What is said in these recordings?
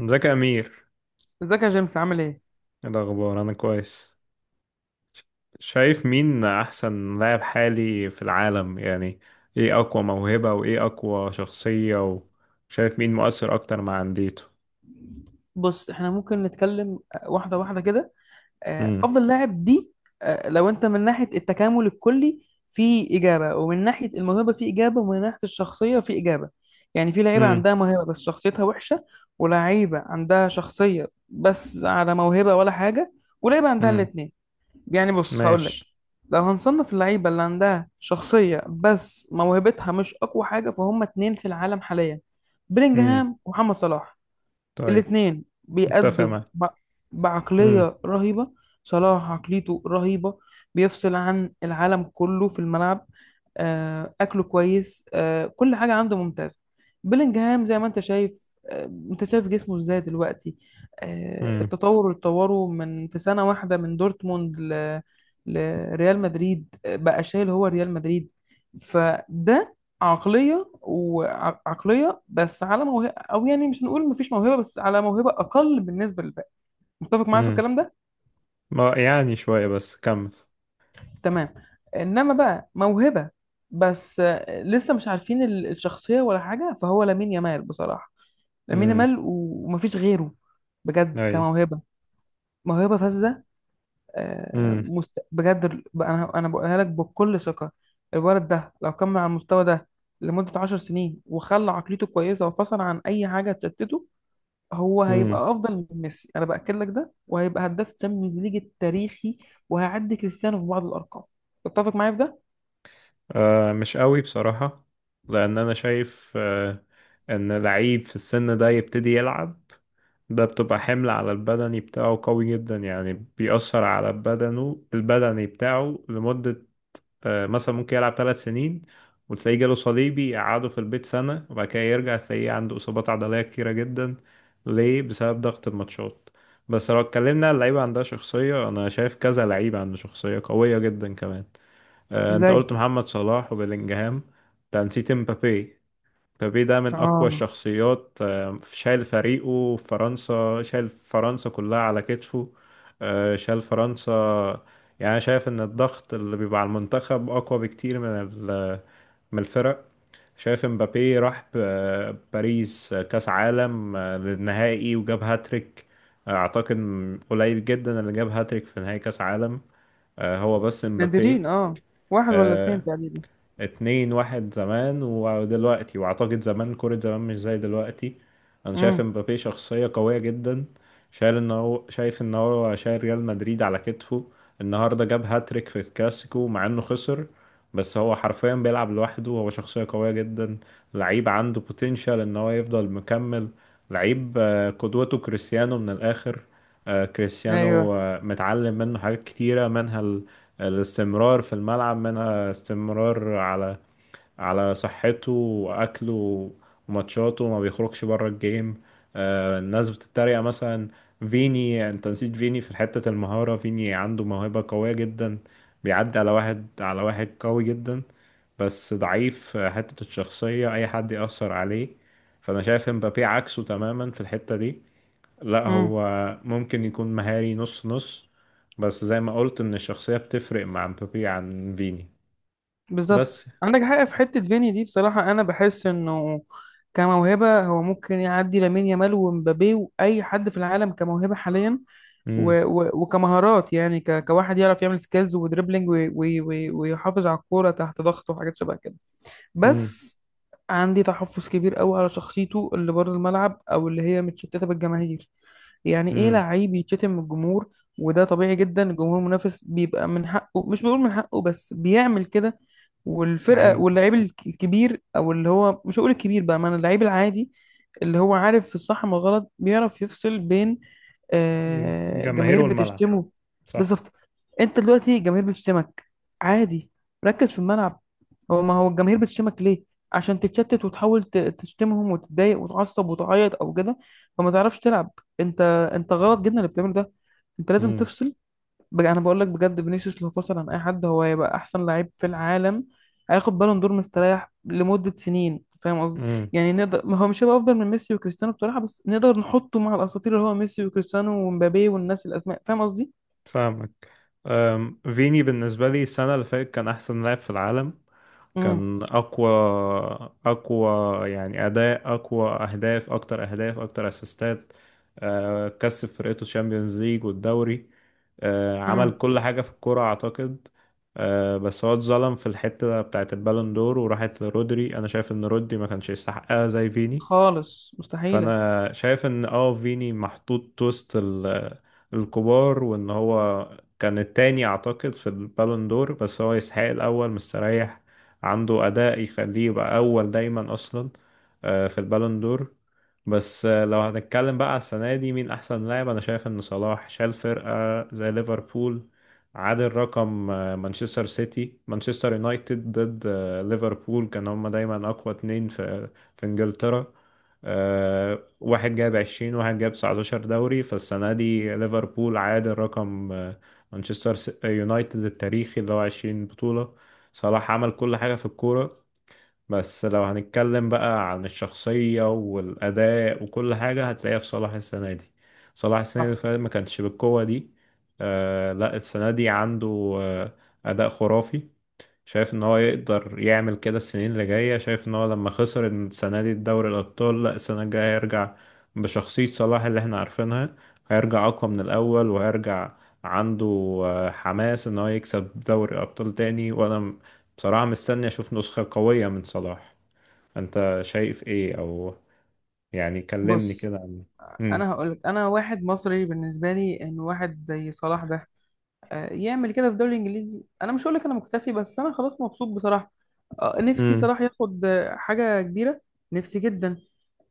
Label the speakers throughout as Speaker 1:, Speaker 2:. Speaker 1: ازيك يا امير؟
Speaker 2: ازيك يا جيمس، عامل ايه؟
Speaker 1: ايه الاخبار؟ انا كويس. شايف مين احسن لاعب حالي في العالم يعني؟ ايه اقوى موهبة وايه اقوى شخصية؟ وشايف مين مؤثر اكتر مع انديته؟
Speaker 2: بص، احنا ممكن نتكلم واحدة واحدة كده.
Speaker 1: امم.
Speaker 2: أفضل لاعب دي، لو أنت من ناحية التكامل الكلي في إجابة، ومن ناحية الموهبة في إجابة، ومن ناحية الشخصية في إجابة. يعني في لعيبة
Speaker 1: امم.
Speaker 2: عندها موهبة بس شخصيتها وحشة، ولعيبة عندها شخصية بس على موهبة ولا حاجة، ولعيبة عندها
Speaker 1: امم.
Speaker 2: الاتنين. يعني بص هقول لك،
Speaker 1: ماشي.
Speaker 2: لو هنصنف اللعيبة اللي عندها شخصية بس موهبتها مش أقوى حاجة، فهم اتنين في العالم حاليا:
Speaker 1: امم.
Speaker 2: بيلينجهام ومحمد صلاح.
Speaker 1: طيب.
Speaker 2: الاتنين
Speaker 1: متفق
Speaker 2: بيأدوا
Speaker 1: معاك. امم.
Speaker 2: بعقلية رهيبة. صلاح عقليته رهيبة، بيفصل عن العالم كله في الملعب. أكله كويس، كل حاجة عنده ممتازة. بيلينجهام زي ما أنت شايف، أنت شايف جسمه إزاي دلوقتي.
Speaker 1: امم.
Speaker 2: التطور اللي اتطوره من في سنة واحدة من دورتموند لريال مدريد، بقى شايل هو ريال مدريد. فده عقلية، وعقلية بس على موهبة. او يعني مش هنقول مفيش موهبه، بس على موهبه اقل بالنسبه للباقي. متفق معايا في
Speaker 1: امم.
Speaker 2: الكلام ده؟
Speaker 1: ما يعني شوية بس كمل.
Speaker 2: تمام. انما بقى موهبه بس، لسه مش عارفين الشخصيه ولا حاجه، فهو لامين يامال بصراحه. لامين
Speaker 1: امم.
Speaker 2: يامال ومفيش غيره، بجد،
Speaker 1: اي.
Speaker 2: كموهبه. موهبه فذه.
Speaker 1: امم.
Speaker 2: بجد، بقى انا بقولها لك بكل ثقه. الولد ده لو كمل على المستوى ده لمده 10 سنين، وخلى عقليته كويسه وفصل عن اي حاجه تشتته، هو
Speaker 1: امم.
Speaker 2: هيبقى افضل من ميسي. انا باكد لك ده، وهيبقى هداف تشامبيونز ليج التاريخي، وهيعدي كريستيانو في بعض الارقام. تتفق معايا في ده؟
Speaker 1: آه، مش قوي بصراحة. لان انا شايف ان لعيب في السن ده يبتدي يلعب، ده بتبقى حمل على البدني بتاعه قوي جدا، يعني بيأثر على بدنه البدني بتاعه لمدة. مثلا ممكن يلعب 3 سنين وتلاقيه جاله صليبي يقعده في البيت سنة، وبعد كده يرجع تلاقيه عنده إصابات عضلية كتيرة جدا. ليه؟ بسبب ضغط الماتشات. بس لو اتكلمنا عن لعيبة عندها شخصية، أنا شايف كذا لعيبة عنده شخصية قوية جدا كمان. أنت
Speaker 2: ازاي؟
Speaker 1: قلت محمد صلاح وبيلينجهام. أنت نسيت مبابي. مبابي ده من أقوى
Speaker 2: اه.
Speaker 1: الشخصيات، شايل فريقه في فرنسا، شايل فرنسا كلها على كتفه. شايل فرنسا. يعني أنا شايف إن الضغط اللي بيبقى على المنتخب أقوى بكتير من الفرق. شايف مبابي راح باريس، كأس عالم، للنهائي وجاب هاتريك. أعتقد قليل جدا اللي جاب هاتريك في نهائي كأس عالم، هو بس مبابي.
Speaker 2: نادرين، اه. واحد ولا اتنين تقريبا.
Speaker 1: اتنين، واحد زمان ودلوقتي، واعتقد زمان كرة زمان مش زي دلوقتي. انا شايف
Speaker 2: امم.
Speaker 1: امبابي شخصية قوية جدا، شايل ان هو شايف ان هو شايل ريال مدريد على كتفه. النهاردة جاب هاتريك في الكلاسيكو مع انه خسر، بس هو حرفيا بيلعب لوحده، هو شخصية قوية جدا. لعيب عنده بوتنشال ان هو يفضل مكمل. لعيب قدوته كريستيانو من الاخر. كريستيانو
Speaker 2: ايوه.
Speaker 1: متعلم منه حاجات كتيرة، منها الاستمرار في الملعب، منها استمرار على صحته واكله وماتشاته، ما بيخرجش بره الجيم. الناس بتتريق مثلا فيني، انت نسيت فيني في حتة المهارة. فيني عنده موهبة قوية جدا، بيعدي على واحد على واحد قوي جدا، بس ضعيف في حتة الشخصية، اي حد يأثر عليه. فانا شايف مبابي عكسه تماما في الحتة دي. لا،
Speaker 2: امم.
Speaker 1: هو ممكن يكون مهاري نص نص، بس زي ما قلت ان الشخصية بتفرق مع مبابي عن فيني.
Speaker 2: بالظبط.
Speaker 1: بس.
Speaker 2: عندك حق في حته فيني دي، بصراحه انا بحس انه كموهبه، هو ممكن يعدي لامين يامال ومبابي واي حد في العالم كموهبه حاليا.
Speaker 1: امم.
Speaker 2: وكمهارات، يعني كواحد يعرف يعمل سكيلز ودريبلينج، ويحافظ على الكوره تحت ضغط وحاجات شبه كده.
Speaker 1: امم.
Speaker 2: بس عندي تحفظ كبير قوي على شخصيته اللي بره الملعب، او اللي هي متشتته بالجماهير. يعني ايه
Speaker 1: امم.
Speaker 2: لعيب يتشتم من الجمهور؟ وده طبيعي جدا، الجمهور المنافس بيبقى من حقه، مش بقول من حقه، بس بيعمل كده. والفرقه
Speaker 1: عند.
Speaker 2: واللعيب الكبير، او اللي هو مش هقول الكبير بقى، ما اللعيب العادي اللي هو عارف في الصح من الغلط بيعرف يفصل بين
Speaker 1: مم. جماهير
Speaker 2: جماهير
Speaker 1: والملعب.
Speaker 2: بتشتمه.
Speaker 1: صح.
Speaker 2: بالظبط. انت دلوقتي جماهير بتشتمك، عادي، ركز في الملعب. هو ما هو الجماهير بتشتمك ليه؟ عشان تتشتت وتحاول تشتمهم وتتضايق وتعصب وتعيط او كده، فما تعرفش تلعب. انت، انت غلط جدا اللي بتعمله ده. انت لازم
Speaker 1: امم.
Speaker 2: تفصل. انا بقول لك بجد، فينيسيوس لو فصل عن اي حد، هو هيبقى احسن لعيب في العالم. هياخد بالون دور مستريح لمدة سنين، فاهم قصدي؟
Speaker 1: امم.
Speaker 2: يعني نقدر، ما هو مش هيبقى افضل من ميسي وكريستيانو بصراحة، بس نقدر نحطه مع الاساطير اللي هو ميسي وكريستيانو ومبابي والناس، الاسماء، فاهم قصدي؟
Speaker 1: فاهمك. فيني بالنسبة لي السنة اللي فاتت كان أحسن لاعب في العالم.
Speaker 2: امم.
Speaker 1: كان اقوى، اقوى، يعني اداء اقوى، اهداف اكتر، اهداف اكتر اسيستات. كسب فرقته الشامبيونز ليج والدوري. عمل
Speaker 2: امم.
Speaker 1: كل حاجه في الكوره اعتقد. بس هو اتظلم في الحته بتاعت البالون دور وراحت لرودري. انا شايف ان رودري ما كانش يستحقها زي فيني.
Speaker 2: خالص، مستحيلة.
Speaker 1: فانا شايف ان فيني محطوط وسط الكبار، وان هو كان التاني اعتقد في البالون دور. بس هو يستحق الاول مستريح، عنده اداء يخليه يبقى اول دايما اصلا في البالون دور. بس لو هنتكلم بقى على السنه دي مين احسن لاعب؟ انا شايف ان صلاح شال فرقه زي ليفربول، عادل رقم. مانشستر سيتي، مانشستر يونايتد ضد ليفربول كان هما دايما اقوى اتنين في انجلترا. واحد جاب 20، واحد جاب 19 دوري. فالسنة دي ليفربول عادل رقم مانشستر يونايتد التاريخي اللي هو 20 بطولة. صلاح عمل كل حاجة في الكورة. بس لو هنتكلم بقى عن الشخصية والأداء وكل حاجة هتلاقيها في صلاح السنة دي. صلاح السنة اللي
Speaker 2: صح.
Speaker 1: فاتت ما كانش بالقوة دي. لا، السنة دي عنده آه أداء خرافي. شايف ان هو يقدر يعمل كده السنين اللي جاية. شايف ان هو لما خسر السنة دي الدوري الابطال، لا، السنة الجاية هيرجع بشخصية صلاح اللي احنا عارفينها. هيرجع اقوى من الاول، وهيرجع عنده حماس ان هو يكسب دوري ابطال تاني. وانا بصراحة مستني اشوف نسخة قوية من صلاح. انت شايف ايه؟ او يعني كلمني
Speaker 2: بص،
Speaker 1: كده عن. امم.
Speaker 2: انا هقولك، انا واحد مصري، بالنسبه لي ان واحد زي صلاح ده يعمل كده في الدوري الانجليزي، انا مش هقولك انا مكتفي، بس انا خلاص مبسوط بصراحه. نفسي
Speaker 1: امم.
Speaker 2: صلاح ياخد حاجه كبيره، نفسي جدا.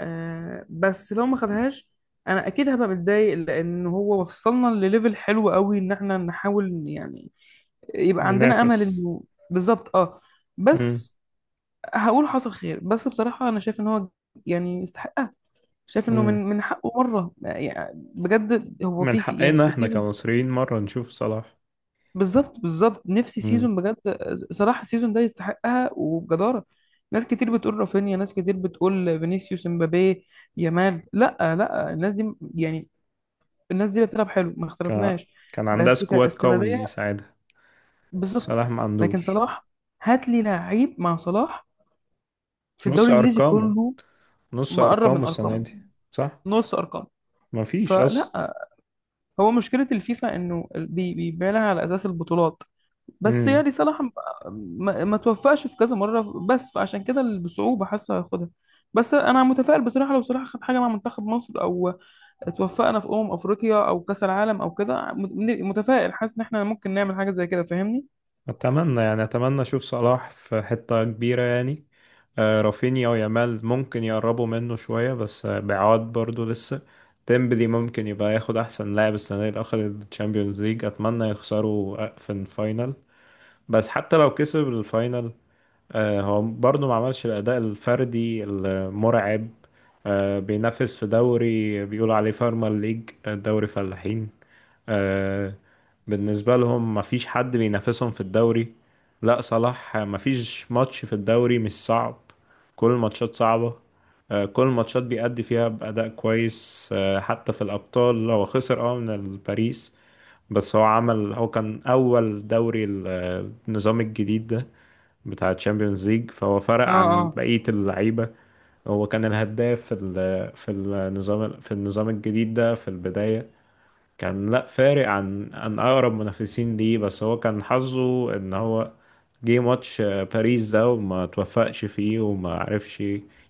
Speaker 2: بس لو ما خدهاش، انا اكيد هبقى متضايق، لان هو وصلنا لليفل حلو قوي ان احنا نحاول يعني، يبقى عندنا امل
Speaker 1: ننافس.
Speaker 2: انه. بالظبط، اه.
Speaker 1: امم.
Speaker 2: بس هقول حصل خير. بس بصراحه انا شايف ان هو يعني يستحق. شايف انه من
Speaker 1: امم.
Speaker 2: من حقه مره، يعني بجد هو
Speaker 1: من
Speaker 2: في يعني
Speaker 1: حقنا احنا
Speaker 2: سيزون.
Speaker 1: كمصريين مرة نشوف صلاح.
Speaker 2: بالظبط، بالظبط، نفسي
Speaker 1: مم.
Speaker 2: سيزون بجد. صراحه السيزون ده يستحقها وبجداره. ناس كتير بتقول رافينيا، ناس كتير بتقول فينيسيوس، امبابي، يامال. لا، لا، الناس دي يعني، الناس دي اللي بتلعب حلو ما
Speaker 1: كان
Speaker 2: اختلفناش،
Speaker 1: كان عندها
Speaker 2: بس
Speaker 1: سكواد قوي
Speaker 2: كاستمراريه.
Speaker 1: يساعدها.
Speaker 2: بالظبط.
Speaker 1: صلاح ما
Speaker 2: لكن
Speaker 1: عندوش.
Speaker 2: صلاح، هات لي لعيب مع صلاح في
Speaker 1: نص
Speaker 2: الدوري الانجليزي
Speaker 1: ارقامه،
Speaker 2: كله
Speaker 1: نص
Speaker 2: مقرب
Speaker 1: ارقامه
Speaker 2: من
Speaker 1: السنه
Speaker 2: ارقامه،
Speaker 1: دي. صح.
Speaker 2: نص ارقامه.
Speaker 1: مفيش
Speaker 2: فلا.
Speaker 1: اصلا.
Speaker 2: هو مشكلة الفيفا إنه بيبقى لها على أساس البطولات. بس
Speaker 1: امم.
Speaker 2: يعني صلاح ما توفقش في كذا مرة، بس فعشان كده بصعوبة حاسة هياخدها. بس أنا متفائل بصراحة، لو صلاح خد حاجة مع منتخب مصر، أو اتوفقنا في أمم أفريقيا أو كأس العالم أو كده، متفائل، حاسس إن إحنا ممكن نعمل حاجة زي كده، فاهمني؟
Speaker 1: اتمنى، يعني اتمنى اشوف صلاح في حته كبيره يعني. رافينيا ويامال ممكن يقربوا منه شويه، بس بعاد برضو لسه. ديمبلي ممكن يبقى ياخد احسن لاعب السنه دي، اللي اخد الشامبيونز ليج. اتمنى يخسروا في الفاينل. بس حتى لو كسب الفاينل، هو برضه ما عملش الأداء الفردي المرعب. بينافس في دوري بيقولوا عليه فارما ليج، دوري فلاحين. آه، بالنسبة لهم ما فيش حد بينافسهم في الدوري. لا صلاح. ما فيش ماتش في الدوري مش صعب، كل الماتشات صعبة. كل الماتشات بيأدي فيها بأداء كويس. حتى في الأبطال هو خسر من الباريس. بس هو كان أول دوري النظام الجديد ده بتاع تشامبيونز ليج، فهو فرق
Speaker 2: اه،
Speaker 1: عن
Speaker 2: اه،
Speaker 1: بقية اللعيبة. هو كان الهداف في النظام الجديد ده في البداية. كان، لا فارق عن اقرب منافسين ليه. بس هو كان حظه ان هو جه ماتش باريس ده وما توفقش فيه وما عرفش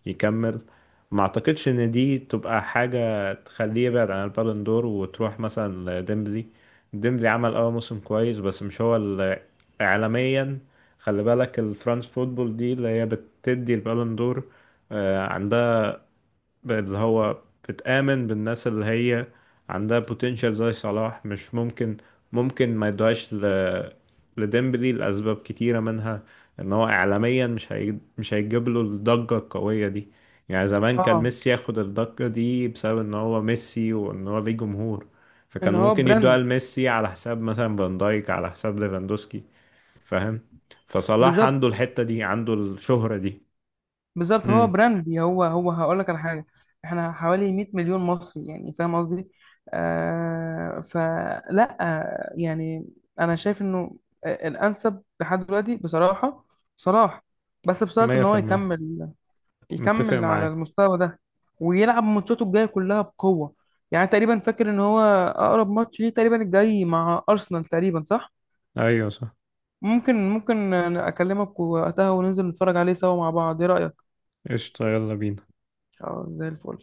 Speaker 1: يكمل. ما اعتقدش ان دي تبقى حاجة تخليه يبعد عن البالون دور وتروح مثلا لديمبلي. ديمبلي عمل موسم كويس، بس مش هو اللي عالميا. خلي بالك الفرنس فوتبول دي اللي هي بتدي البالون دور، عندها بقت اللي هو بتآمن بالناس اللي هي عندها potential زي صلاح، مش ممكن ممكن ما يدوهاش لديمبلي لأسباب كتيرة، منها إن هو إعلاميا مش هيجيب له الضجة القوية دي. يعني زمان كان
Speaker 2: اه.
Speaker 1: ميسي ياخد الضجة دي بسبب إن هو ميسي وإن هو ليه جمهور،
Speaker 2: ان
Speaker 1: فكانوا
Speaker 2: هو
Speaker 1: ممكن يدوها
Speaker 2: براند.
Speaker 1: لميسي على حساب مثلا فان دايك، على حساب ليفاندوسكي. فاهم. فصلاح
Speaker 2: بالظبط،
Speaker 1: عنده الحتة دي، عنده الشهرة دي.
Speaker 2: بالظبط، هو
Speaker 1: امم.
Speaker 2: براند. هو هقول لك على حاجه، احنا حوالي 100 مليون مصري، يعني فاهم قصدي؟ آه، فلا يعني، انا شايف انه الانسب لحد دلوقتي بصراحه صلاح، بس بشرط
Speaker 1: مية
Speaker 2: ان
Speaker 1: في
Speaker 2: هو
Speaker 1: المية
Speaker 2: يكمل،
Speaker 1: متفق
Speaker 2: يكمل على
Speaker 1: معاك.
Speaker 2: المستوى ده، ويلعب ماتشاته الجايه كلها بقوه. يعني تقريبا، فاكر ان هو اقرب ماتش ليه تقريبا الجاي مع ارسنال، تقريبا صح؟
Speaker 1: ايوه، صح.
Speaker 2: ممكن، ممكن اكلمك وقتها وننزل نتفرج عليه سوا مع بعض، ايه رايك؟
Speaker 1: قشطة، يلا بينا.
Speaker 2: اه، زي الفل.